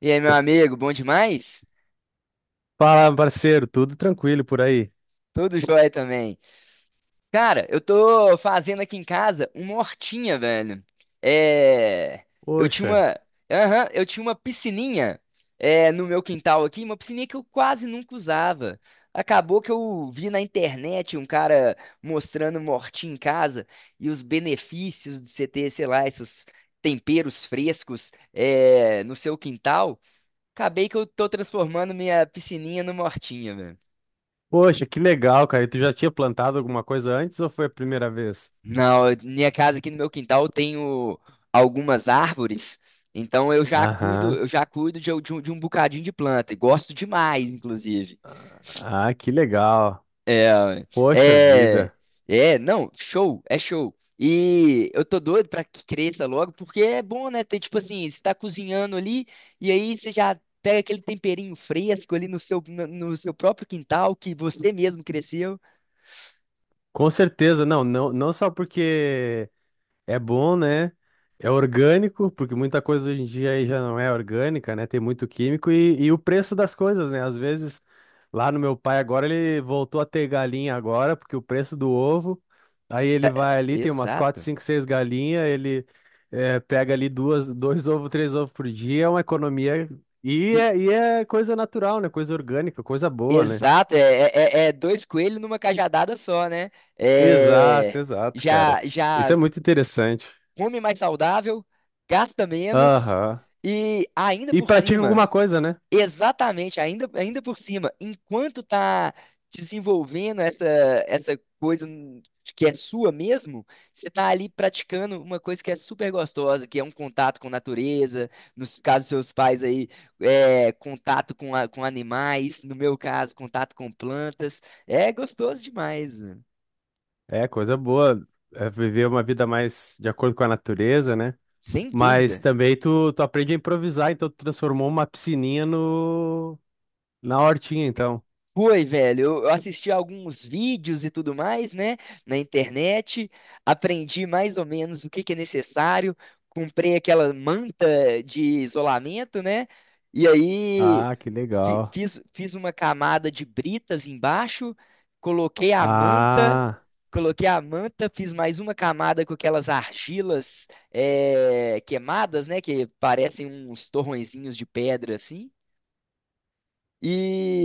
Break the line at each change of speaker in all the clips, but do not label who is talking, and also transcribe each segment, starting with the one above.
E aí, meu amigo, bom demais?
Fala, parceiro, tudo tranquilo por aí?
Tudo jóia também. Cara, eu tô fazendo aqui em casa uma hortinha, velho. É. Eu tinha
Poxa,
uma. Aham, eu tinha uma piscininha no meu quintal aqui, uma piscininha que eu quase nunca usava. Acabou que eu vi na internet um cara mostrando uma hortinha em casa e os benefícios de você ter, sei lá, esses temperos frescos no seu quintal. Acabei que eu tô transformando minha piscininha numa hortinha.
Poxa, que legal, cara. E tu já tinha plantado alguma coisa antes ou foi a primeira vez?
Não, minha casa aqui no meu quintal eu tenho algumas árvores, então
Aham.
eu já cuido de um bocadinho de planta, e gosto demais, inclusive.
Ah, que legal.
É,
Poxa
é,
vida.
é, não, show, é show. E eu tô doido pra que cresça logo, porque é bom, né? Ter, tipo assim, você tá cozinhando ali, e aí você já pega aquele temperinho fresco ali no seu, no seu próprio quintal, que você mesmo cresceu.
Com certeza, não só porque é bom, né? É orgânico, porque muita coisa hoje em dia aí já não é orgânica, né? Tem muito químico e o preço das coisas, né? Às vezes, lá no meu pai agora, ele voltou a ter galinha agora, porque o preço do ovo, aí ele vai
É,
ali, tem umas 4,
exato.
5, 6 galinhas, ele pega ali duas, dois ovos, três ovos por dia, é uma economia. E é coisa natural, né? Coisa orgânica, coisa boa, né?
Exato, é, é, é dois coelhos numa cajadada só, né?
Exato,
É,
exato,
já,
cara. Isso é
já
muito interessante.
come mais saudável, gasta menos
Aham.
e ainda
E
por
pratica
cima.
alguma coisa, né?
Exatamente, ainda, ainda por cima, enquanto tá desenvolvendo essa, essa coisa que é sua mesmo, você tá ali praticando uma coisa que é super gostosa, que é um contato com natureza, nos casos dos seus pais aí, é, contato com, com animais, no meu caso, contato com plantas, é gostoso demais, mano.
É, coisa boa. É viver uma vida mais de acordo com a natureza, né?
Sem
Mas
dúvida.
também tu aprende a improvisar, então tu transformou uma piscininha no, na hortinha, então.
Foi, velho. Eu assisti alguns vídeos e tudo mais, né, na internet, aprendi mais ou menos o que que é necessário, comprei aquela manta de isolamento, né, e aí
Ah, que
fi-
legal.
fiz, fiz uma camada de britas embaixo, coloquei a manta,
Ah,
coloquei a manta, fiz mais uma camada com aquelas argilas queimadas, né, que parecem uns torrõezinhos de pedra assim,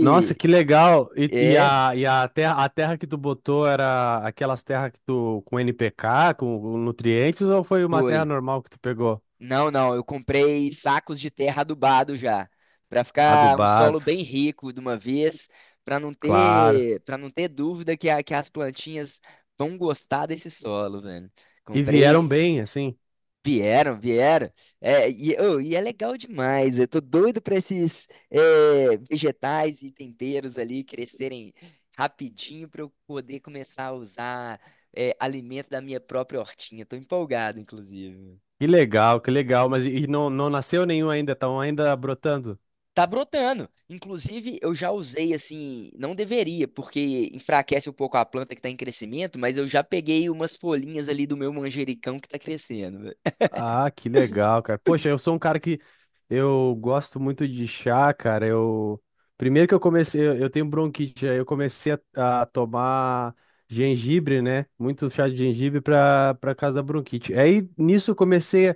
nossa, que legal. E, e
é,
a, e a terra, a terra que tu botou era aquelas terras que tu, com NPK, com nutrientes, ou foi uma terra
foi.
normal que tu pegou?
Não, não, eu comprei sacos de terra adubado já. Pra ficar um solo
Adubado,
bem rico de uma vez, pra não
claro.
ter, para não ter dúvida que as plantinhas vão gostar desse solo, velho.
E vieram
Comprei,
bem, assim.
vieram, vieram. É, e, ô, e é legal demais. Eu tô doido pra esses vegetais e temperos ali crescerem rapidinho pra eu poder começar a usar alimento da minha própria hortinha. Tô empolgado, inclusive.
Que legal, que legal. Mas e não, não nasceu nenhum ainda, estão ainda brotando?
Tá brotando. Inclusive, eu já usei assim, não deveria, porque enfraquece um pouco a planta que tá em crescimento, mas eu já peguei umas folhinhas ali do meu manjericão que tá crescendo, velho.
Ah, que legal, cara. Poxa, eu sou um cara que eu gosto muito de chá, cara. Eu primeiro que eu comecei, eu tenho bronquite, aí eu comecei a tomar gengibre, né? Muito chá de gengibre para para causa da bronquite. Aí nisso eu comecei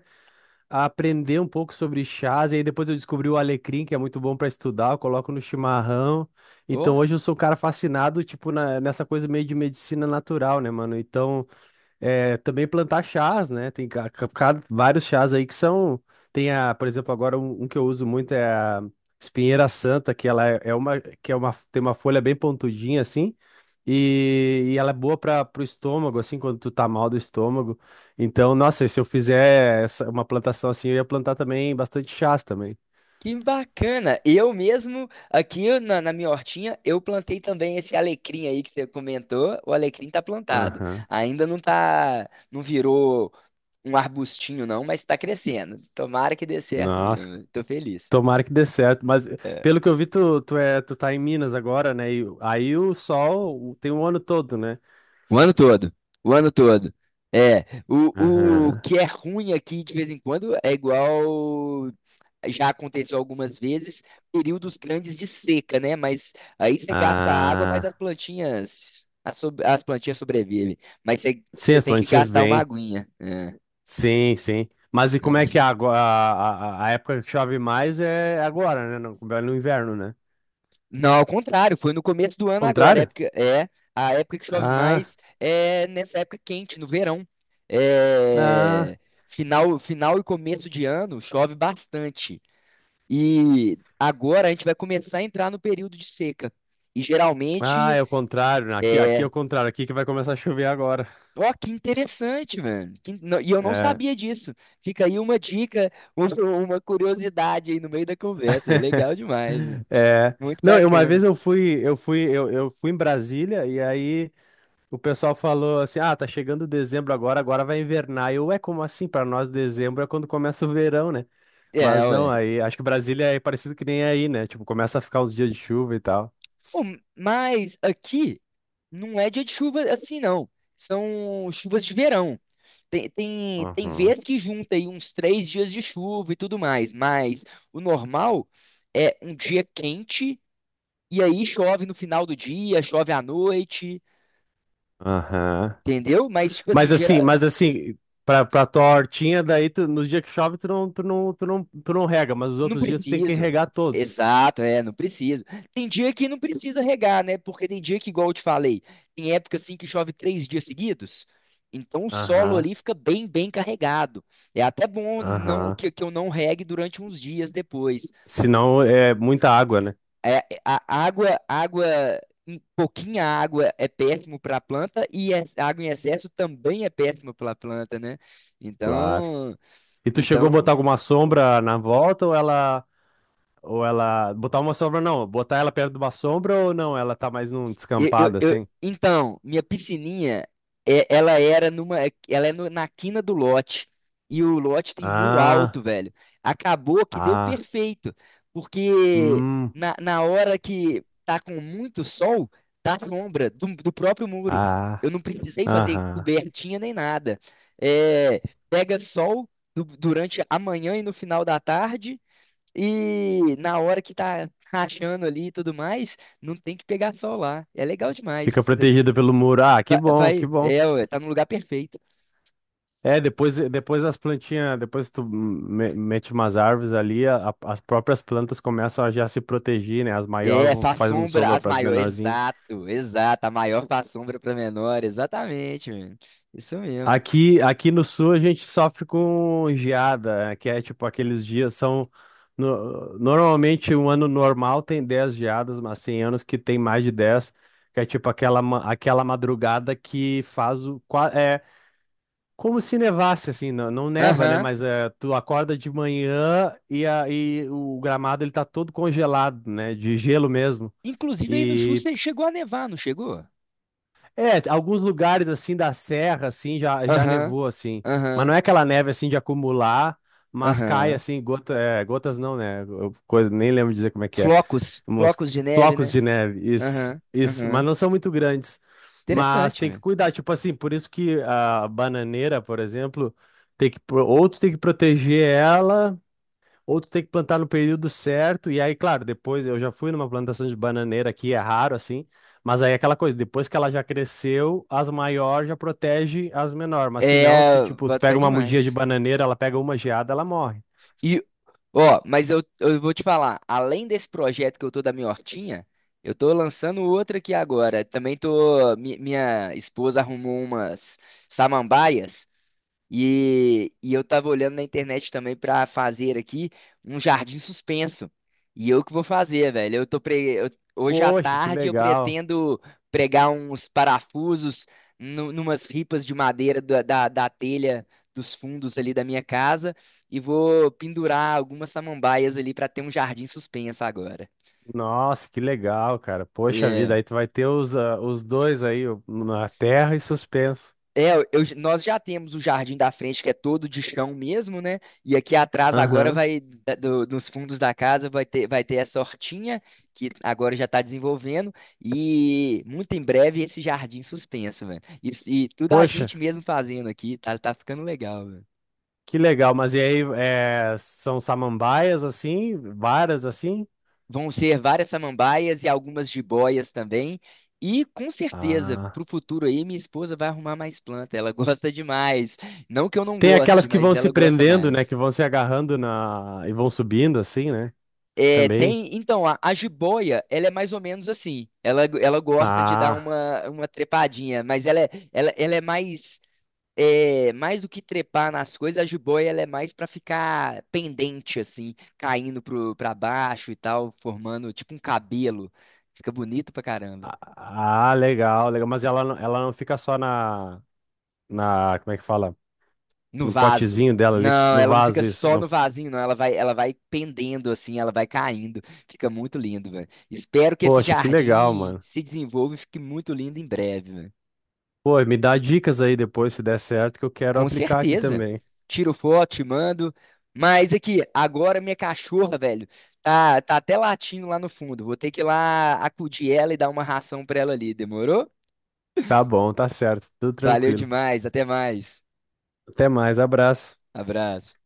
a aprender um pouco sobre chás, e aí depois eu descobri o alecrim, que é muito bom para estudar, eu coloco no chimarrão.
Ó,
Então hoje eu sou um cara fascinado, tipo, nessa coisa meio de medicina natural, né, mano? Então é, também plantar chás, né? Tem vários chás aí que são. Tem a, por exemplo, agora um que eu uso muito é a espinheira santa, que ela é é uma, que é uma, tem uma folha bem pontudinha assim, e ela é boa para o estômago, assim, quando tu tá mal do estômago. Então, nossa, se eu fizer essa- uma plantação assim, eu ia plantar também bastante chás também.
que bacana. Eu mesmo, aqui na minha hortinha, eu plantei também esse alecrim aí que você comentou. O alecrim tá plantado.
Aham.
Ainda não tá, não virou um arbustinho não, mas tá crescendo. Tomara que dê certo mesmo,
Nossa,
velho. Tô feliz.
tomara que dê certo. Mas
É.
pelo que eu vi, tu tá em Minas agora, né? E aí o sol tem um ano todo, né?
O ano todo. O ano todo. É, o
Aham.
que é ruim aqui de vez em quando é igual já aconteceu algumas vezes, períodos grandes de seca, né? Mas aí você gasta água, mas as
Ah,
plantinhas as plantinhas sobrevivem. Mas você,
sim,
você
as
tem que
plantinhas
gastar uma
vêm.
aguinha. É.
Sim, sim. Mas e como é que é agora? A época que chove mais é agora, né? No, é no inverno, né?
Não, ao contrário, foi no começo do ano agora,
Contrário?
época, é a época que chove
Ah,
mais é nessa época quente, no verão.
ah,
É, final, final e começo de ano chove bastante. E agora a gente vai começar a entrar no período de seca. E
ah,
geralmente
é o contrário. Né? Aqui, aqui é
é.
o contrário. Aqui que vai começar a chover agora.
Ó, que interessante, mano. E eu não
É.
sabia disso. Fica aí uma dica, uma curiosidade aí no meio da conversa. Legal demais.
É.
Muito
Não, eu- uma
bacana.
vez eu fui, eu fui em Brasília e aí o pessoal falou assim: ah, tá chegando dezembro agora, agora vai invernar. Eu, é como assim? Para nós, dezembro é quando começa o verão, né?
É,
Mas não,
ué.
aí acho que Brasília é parecido que nem aí, né? Tipo, começa a ficar uns dias de chuva e tal.
Pô, mas aqui não é dia de chuva assim, não. São chuvas de verão. Tem, tem, tem
Aham.
vez que junta aí uns três dias de chuva e tudo mais, mas o normal é um dia quente e aí chove no final do dia, chove à noite,
Aham.
entendeu? Mas, tipo assim,
Mas assim,
gera-
mas assim, pra, pra tua hortinha, nos dias que chove, tu não rega, mas os
Não
outros dias tu tem que
preciso.
regar todos.
Exato, é, não preciso. Tem dia que não precisa regar, né? Porque tem dia que, igual eu te falei, tem época assim que chove três dias seguidos. Então o solo
Aham,
ali fica bem, bem carregado. É até bom
aham.
que eu não regue durante uns dias depois.
Senão é muita água, né?
É, a água, água, pouquinha água é péssimo para a planta e a água em excesso também é péssimo para a planta, né?
Claro.
Então,
E tu chegou a botar
então
alguma sombra na volta ou ela. Ou ela. Botar uma sombra, não. Botar ela perto de uma sombra ou não? Ela tá mais num descampado assim?
Então, minha piscininha, ela era numa, ela é na quina do lote. E o lote tem muro alto,
Ah,
velho. Acabou que deu
ah,
perfeito. Porque
hum,
na, na hora que tá com muito sol, tá sombra do, do próprio muro. Eu
ah,
não precisei fazer
aham.
cobertinha nem nada. É, pega sol durante a manhã e no final da tarde. E na hora que tá rachando ali e tudo mais, não tem que pegar sol lá. É legal
Fica
demais.
protegida pelo muro. Ah, que bom, que
Vai,
bom.
é, ué, tá no lugar perfeito.
É, depois as plantinhas, depois mete umas árvores ali, as próprias plantas começam a já se proteger, né? As maiores
É,
vão
faz
fazendo
sombra
sombra
às
para as
maiores.
menorzinhas.
Exato, exato. A maior faz sombra pra menor. Exatamente, mano. Isso mesmo.
Aqui no sul a gente sofre com geada, que é tipo aqueles dias são. Normalmente um ano normal tem 10 geadas, mas tem anos que tem mais de 10, que é tipo aquela, aquela madrugada que faz o. É como se nevasse, assim, não, não neva, né?
Aham.
Mas é, tu acorda de manhã e o gramado ele tá todo congelado, né? De gelo mesmo.
Inclusive aí no Chussa chegou a nevar, não chegou?
É, alguns lugares assim da serra assim já
Aham,
nevou assim, mas
aham,
não é aquela neve assim de acumular, mas cai
aham.
assim gota, é, gotas não, né? Eu- Coisa, nem lembro dizer como é que é.
Flocos,
Uns
flocos de neve,
flocos
né?
de neve, isso,
Aham,
isso, mas
aham.
não são muito grandes. Mas
Interessante,
tem que
mano.
cuidar, tipo assim, por isso que a bananeira, por exemplo, ou tu tem que proteger ela ou tu tem que plantar no período certo, e aí, claro, depois eu já fui numa plantação de bananeira aqui, é raro assim, mas aí é aquela coisa, depois que ela já cresceu, as maiores já protege as menores, mas se não, se
É,
tipo, tu
boto pé
pega uma mudinha de
demais.
bananeira, ela pega uma geada, ela morre.
E, ó, mas eu vou te falar, além desse projeto que eu tô da minha hortinha, eu tô lançando outra aqui agora. Também tô, minha esposa arrumou umas samambaias e eu tava olhando na internet também pra fazer aqui um jardim suspenso. E eu que vou fazer, velho. Eu tô pre... eu- Hoje à
Poxa, que
tarde eu
legal.
pretendo pregar uns parafusos numas ripas de madeira da telha dos fundos ali da minha casa e vou pendurar algumas samambaias ali pra ter um jardim suspenso agora.
Nossa, que legal, cara. Poxa vida, aí tu vai ter os, ah, os dois aí, na terra e suspenso.
É, nós já temos o jardim da frente que é todo de chão mesmo, né? E aqui atrás agora
Aham.
vai, nos fundos da casa vai ter essa hortinha que agora já está desenvolvendo e muito em breve esse jardim suspenso, velho. Isso- E, tudo a
Poxa,
gente mesmo fazendo aqui, tá, tá ficando legal, velho.
que legal, mas e aí, é, são samambaias assim, varas assim?
Vão ser várias samambaias e algumas jiboias também. E com certeza,
Ah.
pro futuro aí, minha esposa vai arrumar mais planta. Ela gosta demais. Não que eu não
Tem aquelas
goste,
que
mas
vão se
ela gosta
prendendo, né?
mais.
Que vão se agarrando na e vão subindo assim, né?
É,
Também.
tem, então, a jiboia, ela é mais ou menos assim. Ela gosta de dar
Ah,
uma trepadinha, mas ela é, ela é, mais do que trepar nas coisas, a jiboia ela é mais pra ficar pendente, assim, caindo pra baixo e tal, formando tipo um cabelo. Fica bonito pra caramba.
legal, legal. Mas ela, ela não fica só na, na, como é que fala?
No
No
vaso.
potezinho dela ali,
Não,
no
ela não fica
vaso, isso.
só
No...
no vasinho, não. Ela vai pendendo assim, ela vai caindo. Fica muito lindo, velho. Espero que esse
Poxa, que legal,
jardim
mano.
se desenvolva e fique muito lindo em breve.
Pô, me dá dicas aí depois, se der certo, que eu quero
Com
aplicar aqui
certeza.
também.
Tiro foto, te mando. Mas aqui, agora minha cachorra, velho, tá, tá até latindo lá no fundo. Vou ter que ir lá acudir ela e dar uma ração pra ela ali. Demorou?
Tá bom, tá certo. Tudo
Valeu
tranquilo.
demais. Até mais.
Até mais, abraço.
Abraço.